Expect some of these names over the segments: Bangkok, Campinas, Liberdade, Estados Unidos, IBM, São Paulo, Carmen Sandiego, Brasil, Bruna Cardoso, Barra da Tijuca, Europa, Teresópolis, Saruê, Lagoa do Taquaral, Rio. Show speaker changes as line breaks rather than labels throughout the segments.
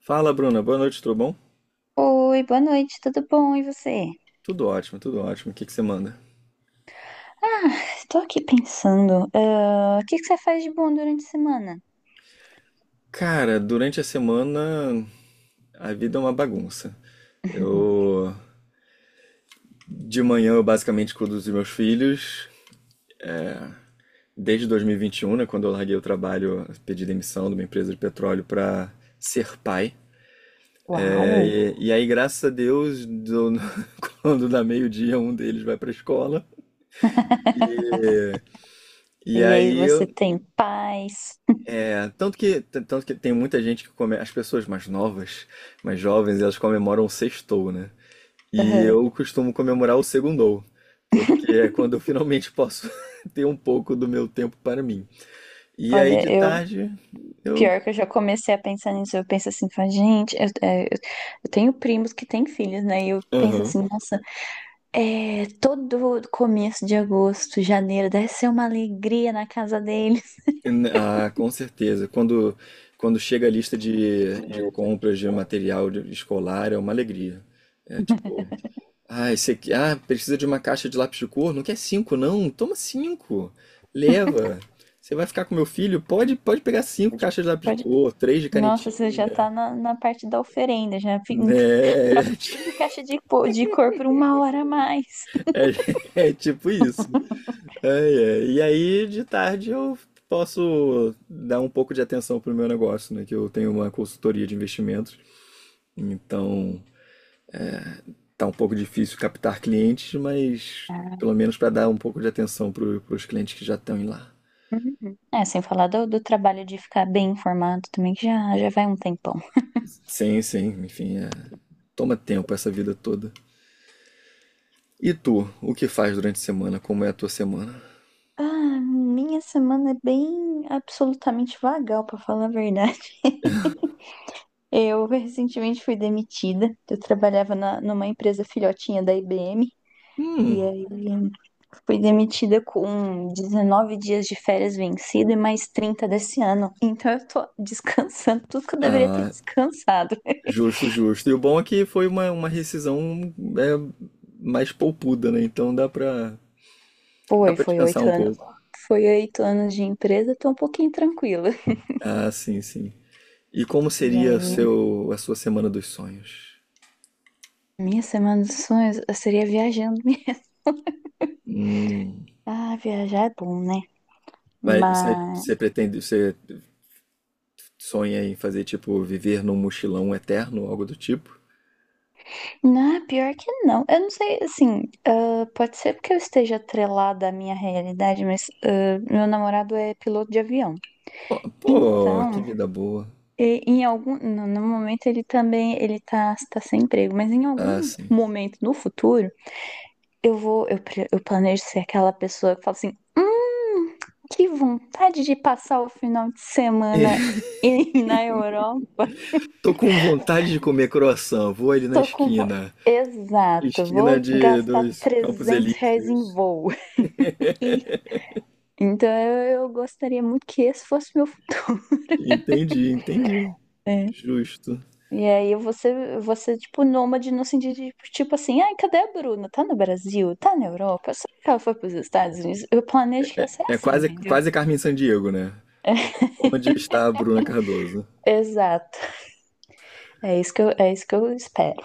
Fala, Bruna. Boa noite, tudo bom?
Oi, boa noite, tudo bom? E você?
Tudo ótimo, tudo ótimo. O que que você manda?
Ah, estou aqui pensando, o que que você faz de bom durante a semana?
Cara, durante a semana a vida é uma bagunça. Eu De manhã eu basicamente cuido dos meus filhos desde dois mil e vinte e um, né, quando eu larguei o trabalho, pedi demissão de uma empresa de petróleo para ser pai. É,
Uau!
e aí, graças a Deus, quando dá meio-dia, um deles vai para a escola. E, e
E aí,
aí.
você tem paz?
É, tanto que tem muita gente que come, as pessoas mais novas, mais jovens, elas comemoram o sextou, né? E
Aham.
eu costumo comemorar o segundou, porque é quando eu finalmente posso ter um pouco do meu tempo para mim. E aí
Olha,
de
eu,
tarde eu,
pior que eu já comecei a pensar nisso, eu penso assim, falo, gente, eu tenho primos que têm filhos, né? E eu penso
aham.
assim, nossa, é, todo começo de agosto, janeiro, deve ser uma alegria na casa deles.
Com certeza. Quando chega a lista de compras de material escolar é uma alegria. É tipo ah, esse aqui. Ah, precisa de uma caixa de lápis de cor? Não quer cinco, não? Toma cinco. Leva. Você vai ficar com meu filho? Pode pegar cinco
Pode-
caixas de lápis de
pode-
cor, três de
Nossa, você já
canetinha.
tá na parte da oferenda, já fica troco
É,
cinco caixas de cor por uma hora a mais.
é tipo isso. Ai, ai. E aí, de tarde, eu posso dar um pouco de atenção pro meu negócio, né? Que eu tenho uma consultoria de investimentos. Então, tá um pouco difícil captar clientes, mas
Ah.
pelo menos para dar um pouco de atenção para os clientes que já estão em lá.
Uhum. É, sem falar do trabalho de ficar bem informado também, que já vai um tempão.
Sim, sim, enfim, é... toma tempo essa vida toda. E tu, o que faz durante a semana? Como é a tua semana?
Ah, minha semana é bem absolutamente vagal, pra falar a verdade. Eu recentemente fui demitida. Eu trabalhava numa empresa filhotinha da IBM. E
Hum.
aí fui demitida com 19 dias de férias vencida e mais 30 desse ano. Então eu tô descansando tudo que eu deveria ter
ah,
descansado.
Justo, justo. E o bom é que foi uma rescisão é, mais poupuda, né? Então dá pra, dá
Foi,
pra
foi
descansar
8
um
anos.
pouco.
Foi oito anos de empresa, tô um pouquinho tranquila.
Ah, sim, sim. E como
E
seria o
aí,
seu, a sua semana dos sonhos?
minha semana dos sonhos eu seria viajando.
Hum.
Ah, viajar é bom, né?
Mas você,
Mas.
você pretende, você sonha em fazer, tipo, viver num mochilão eterno, algo do tipo?
Não, pior que não. Eu não sei, assim. Ah, pode ser porque eu esteja atrelada à minha realidade, mas ah, meu namorado é piloto de avião.
Pô, que
Então,
vida boa.
e- em algum. No, no momento ele também. Ele tá sem emprego, mas em
Ah,
algum
sim.
momento no futuro, eu vou. Eu planejo ser aquela pessoa que fala assim. Hum. Que vontade de passar o final de semana na Europa.
Tô com vontade de comer croissant. Vou ali na
Tô com. vo-
esquina.
Exato,
Esquina
vou
de
gastar
dos Campos
R$ 300 em
Elíseos.
voo. E- então eu gostaria muito que esse fosse meu futuro.
Entendi, entendi.
Né?
Justo.
E aí vou ser, tipo, nômade no sentido de, tipo assim, ai, cadê a Bruna? Tá no Brasil? Tá na Europa? Será que ela foi pros Estados Unidos? Eu planejo que ia ser
É
assim,
quase,
entendeu?
quase Carmen Sandiego, né? Onde está a Bruna Cardoso?
Exato. É isso que é isso que eu espero.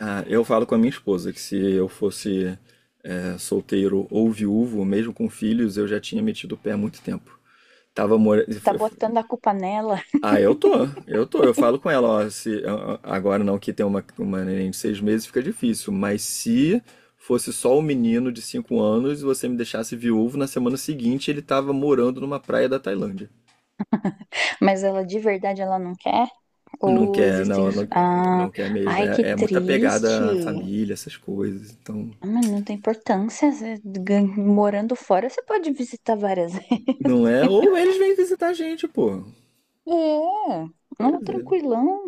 Ah, eu falo com a minha esposa que se eu fosse é, solteiro ou viúvo, mesmo com filhos, eu já tinha metido o pé há muito tempo. Tava mora...
Tá botando a culpa nela.
Ah, eu tô. Eu falo com ela, ó, se a- a- agora não que tem uma neném de 6 meses fica difícil, mas se fosse só o menino de 5 anos e você me deixasse viúvo, na semana seguinte ele tava morando numa praia da Tailândia.
Mas ela de verdade ela não quer?
Não
Ou
quer,
existem.
não,
Os-
não,
ah,
não quer mesmo.
ai, que
É, é muito
triste.
apegada à família, essas coisas. Então,
Ah, mas não tem importância. Morando fora, você pode visitar várias.
não é. Ou eles vêm visitar a gente, pô.
É,
Pois
não,
é.
tranquilão.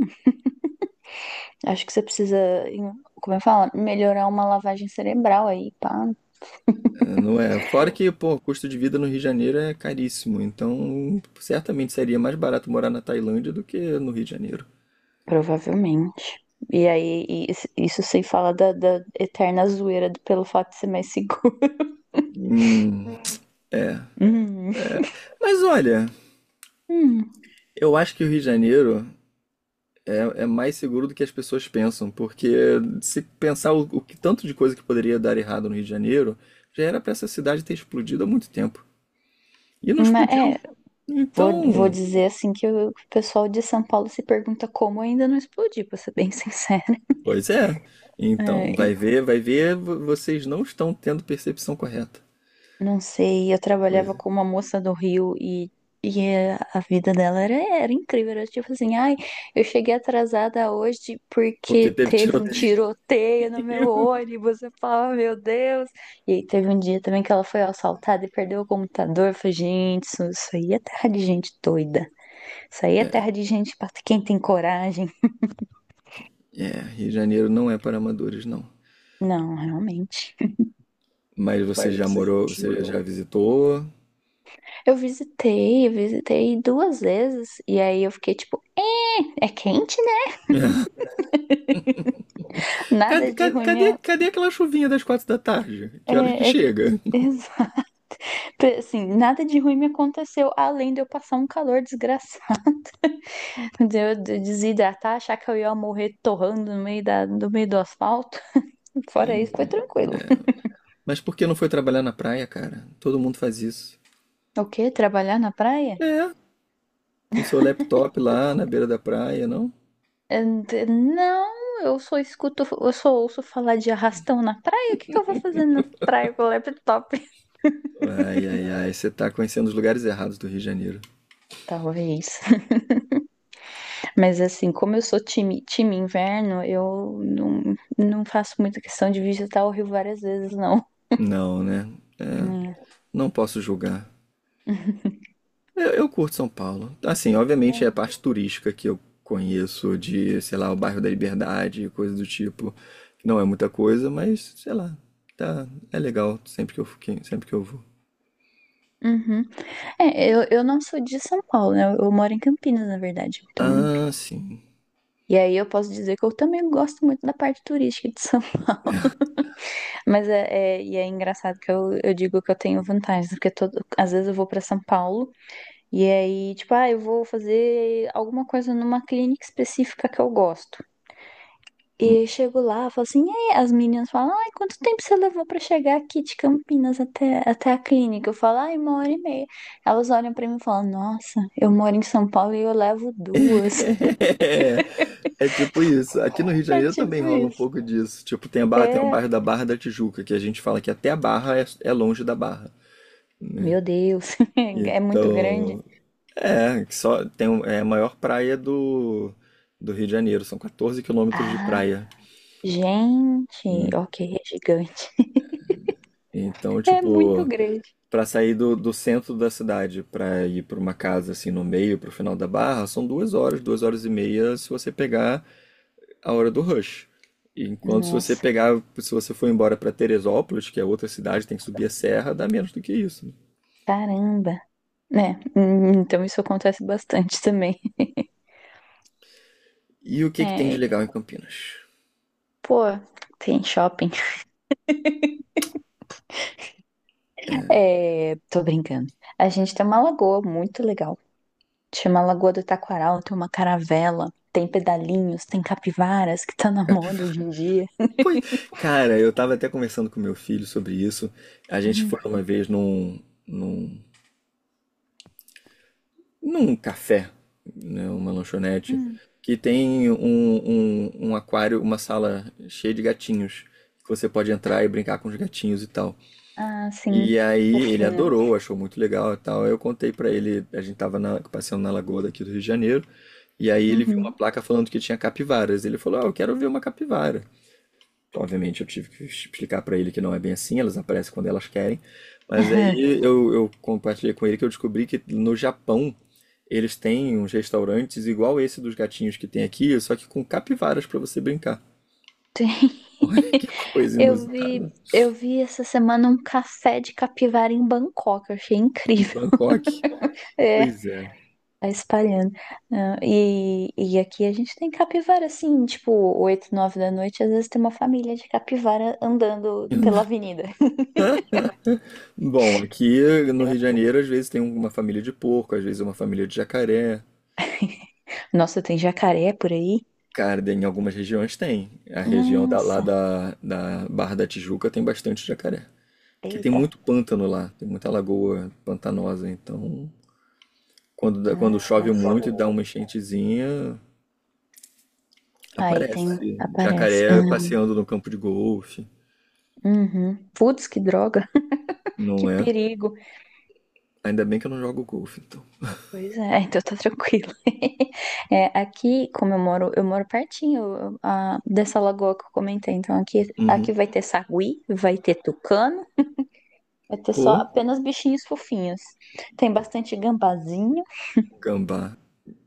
Acho que você precisa, como eu falo, melhorar uma lavagem cerebral aí, pá.
É, não é. Fora que, pô, o custo de vida no Rio de Janeiro é caríssimo. Então, certamente seria mais barato morar na Tailândia do que no Rio de Janeiro.
Provavelmente. E aí, e isso sem falar da eterna zoeira do- pelo fato de ser mais seguro.
Hum, é.
Hum.
Mas olha,
Hum.
eu acho que o Rio de Janeiro é mais seguro do que as pessoas pensam, porque se pensar o que tanto de coisa que poderia dar errado no Rio de Janeiro, já era pra essa cidade ter explodido há muito tempo. E não
Mas,
explodiu.
é, vou
Então,
dizer assim que o pessoal de São Paulo se pergunta como ainda não explodiu, pra ser bem sincera.
pois é.
É,
Então,
e
vai ver, vocês não estão tendo percepção correta
não sei, eu
da
trabalhava
coisa.
com uma moça do Rio e é, a vida dela era, era incrível. Era tipo assim, ai, eu cheguei atrasada hoje
Porque
porque
teve
teve um
tiroteio.
tiroteio no meu ônibus. Eu falava, meu Deus. E aí teve um dia também que ela foi assaltada e perdeu o computador. Eu falei, gente, isso aí é terra de gente doida. Isso aí é
É,
terra de gente pra quem tem coragem.
é, Rio de Janeiro não é para amadores, não.
Não, realmente.
Mas você
Mas
já
você já
morou, você já
morou.
visitou?
Eu visitei duas vezes, e aí eu fiquei tipo, é, é quente, né? Nada
Cadê,
de ruim
cadê,
me.
cadê, aquela chuvinha das 4 da tarde? Que horas que
É, é-
chega?
exato. Assim, nada de ruim me aconteceu, além de eu passar um calor desgraçado, de eu desidratar, achar que eu ia morrer torrando no meio, da, no meio do asfalto. Fora isso, foi tranquilo.
É, mas por que não foi trabalhar na praia, cara? Todo mundo faz isso.
O quê? Trabalhar na praia?
É, com seu laptop lá na beira da praia, não?
É, não, eu só escuto, eu só ouço falar de arrastão na praia. O que que eu vou fazer na praia com o laptop?
Ai, ai, ai, você tá conhecendo os lugares errados do Rio de Janeiro.
Talvez. Mas assim, como eu sou time inverno, eu não faço muita questão de visitar o Rio várias vezes, não.
Não, né? É,
Hum.
não posso julgar. Eu curto São Paulo. Assim, obviamente
É.
é a parte turística que eu conheço de, sei lá, o bairro da Liberdade, coisa do tipo. Não é muita coisa, mas, sei lá, tá, é legal sempre que eu vou.
Uhum. É, eu não sou de São Paulo, né? Eu moro em Campinas, na verdade. Então,
Ah, sim.
e aí eu posso dizer que eu também gosto muito da parte turística de São. Mas é, é- e é engraçado que eu digo que eu tenho vantagens, porque todo, às vezes eu vou para São Paulo e aí, tipo, ah, eu vou fazer alguma coisa numa clínica específica que eu gosto. E eu chego lá, falo assim, e aí? As meninas falam, ai, quanto tempo você levou pra chegar aqui de Campinas até a clínica? Eu falo, ai, uma hora e meia. Elas olham pra mim e falam, nossa, eu moro em São Paulo e eu levo duas.
É, é tipo isso. Aqui no Rio de
É
Janeiro também
tipo
rola um
isso.
pouco disso. Tipo, tem a Barra, tem o
É,
bairro da Barra da Tijuca, que a gente fala que até a Barra é longe da Barra, né?
meu Deus, é muito grande.
Então, é, que é a maior praia do Rio de Janeiro, são 14 quilômetros de
Ah,
praia.
gente,
Em-
ok, é gigante.
Então,
É muito
tipo,
grande.
pra sair do centro da cidade pra ir pra uma casa assim no meio, pro final da Barra, são 2 horas, 2 horas e meia, se você pegar a hora do rush. Enquanto se você
Nossa,
pegar, se você for embora para Teresópolis, que é outra cidade, tem que subir a serra, dá menos do que isso, né?
caramba. É, então isso acontece bastante também.
E o que que tem de
É,
legal em Campinas?
pô, tem shopping. É, tô brincando. A gente tem uma lagoa muito legal. Chama Lagoa do Taquaral, tem uma caravela, tem pedalinhos, tem capivaras que tá na
Campi-
moda hoje em dia.
Pô, cara, eu tava até conversando com meu filho sobre isso. A gente
Uhum.
foi uma vez num café, né, uma lanchonete,
Uhum.
que tem um aquário, uma sala cheia de gatinhos, que você pode entrar e brincar com os gatinhos e tal.
Ah, sim.
E aí ele
Fofinho.
adorou, achou muito legal e tal. Aí eu contei pra ele, a gente tava passeando na lagoa daqui do Rio de Janeiro, e aí ele viu uma
Uhum.
placa falando que tinha capivaras. Ele falou: "Ah, eu quero ver uma capivara". Obviamente eu tive que explicar pra ele que não é bem assim, elas aparecem quando elas querem. Mas aí eu compartilhei com ele que eu descobri que no Japão eles têm uns restaurantes igual esse dos gatinhos que tem aqui, só que com capivaras pra você brincar.
Tem.
Olha que coisa inusitada.
Eu vi essa semana um café de capivara em Bangkok, eu achei
Em
incrível.
Bangkok.
É.
Pois é.
Tá espalhando. Ah, e aqui a gente tem capivara, assim, tipo, 8 9 da noite, às vezes tem uma família de capivara andando pela avenida.
Bom, aqui no Rio de Janeiro, às vezes tem uma família de porco, às vezes uma família de jacaré.
Nossa, tem jacaré por aí?
Cara, em algumas regiões tem. A região lá
Nossa,
da Barra da Tijuca tem bastante jacaré. Porque tem
eita.
muito pântano lá, tem muita lagoa pantanosa. Então, quando chove
Ah,
muito e dá uma enchentezinha,
aí tem,
aparece
aparece. Ah,
jacaré passeando no campo de golfe,
uhum. Putz, que droga,
não
que
é?
perigo.
Ainda bem que eu não jogo golfe, então.
Pois é, então tá tranquilo. É, aqui, como eu moro pertinho ah, dessa lagoa que eu comentei, então
Uhum.
aqui vai ter sagui, vai ter tucano. Vai ter só
O
apenas bichinhos fofinhos. Tem bastante gambazinho,
gambá,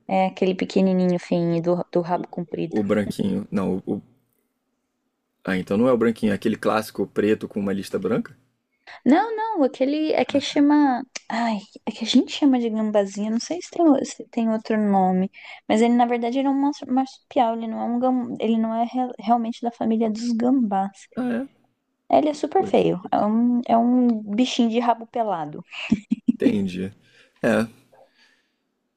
é aquele pequenininho fininho do rabo comprido.
o branquinho. Não, ah, então não é o branquinho, é aquele clássico preto com uma lista branca?
Não, não, aquele é que
Ah, tá.
chama. Ai, é que a gente chama de gambazinho, não sei se tem, se tem outro nome. Mas ele, na verdade, ele é um marsupial, ele não é um gam... ele não é realmente da família dos gambás.
Ah, é?
É, ele é super
Coisa.
feio, é um bichinho de rabo pelado.
Entendi. É,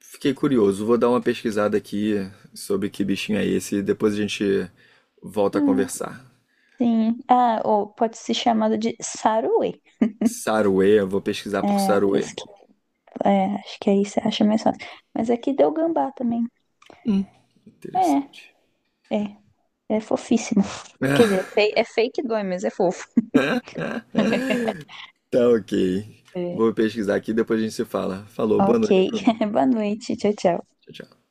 fiquei curioso. Vou dar uma pesquisada aqui sobre que bichinho é esse e depois a gente volta a
Hum,
conversar.
sim. Ah, ou pode ser chamado de saruê.
Saruê, eu vou pesquisar por
É,
Saruê.
é, acho que aí você acha mais fácil. Mas aqui deu gambá também.
Hum.
É,
Interessante.
é. É fofíssimo. Quer dizer, é, é fake dói, mas é fofo.
Tá ok.
É,
Vou pesquisar aqui e depois a gente se fala. Falou, boa
ok.
noite, Bruno.
Boa noite. Tchau, tchau.
Tchau, tchau.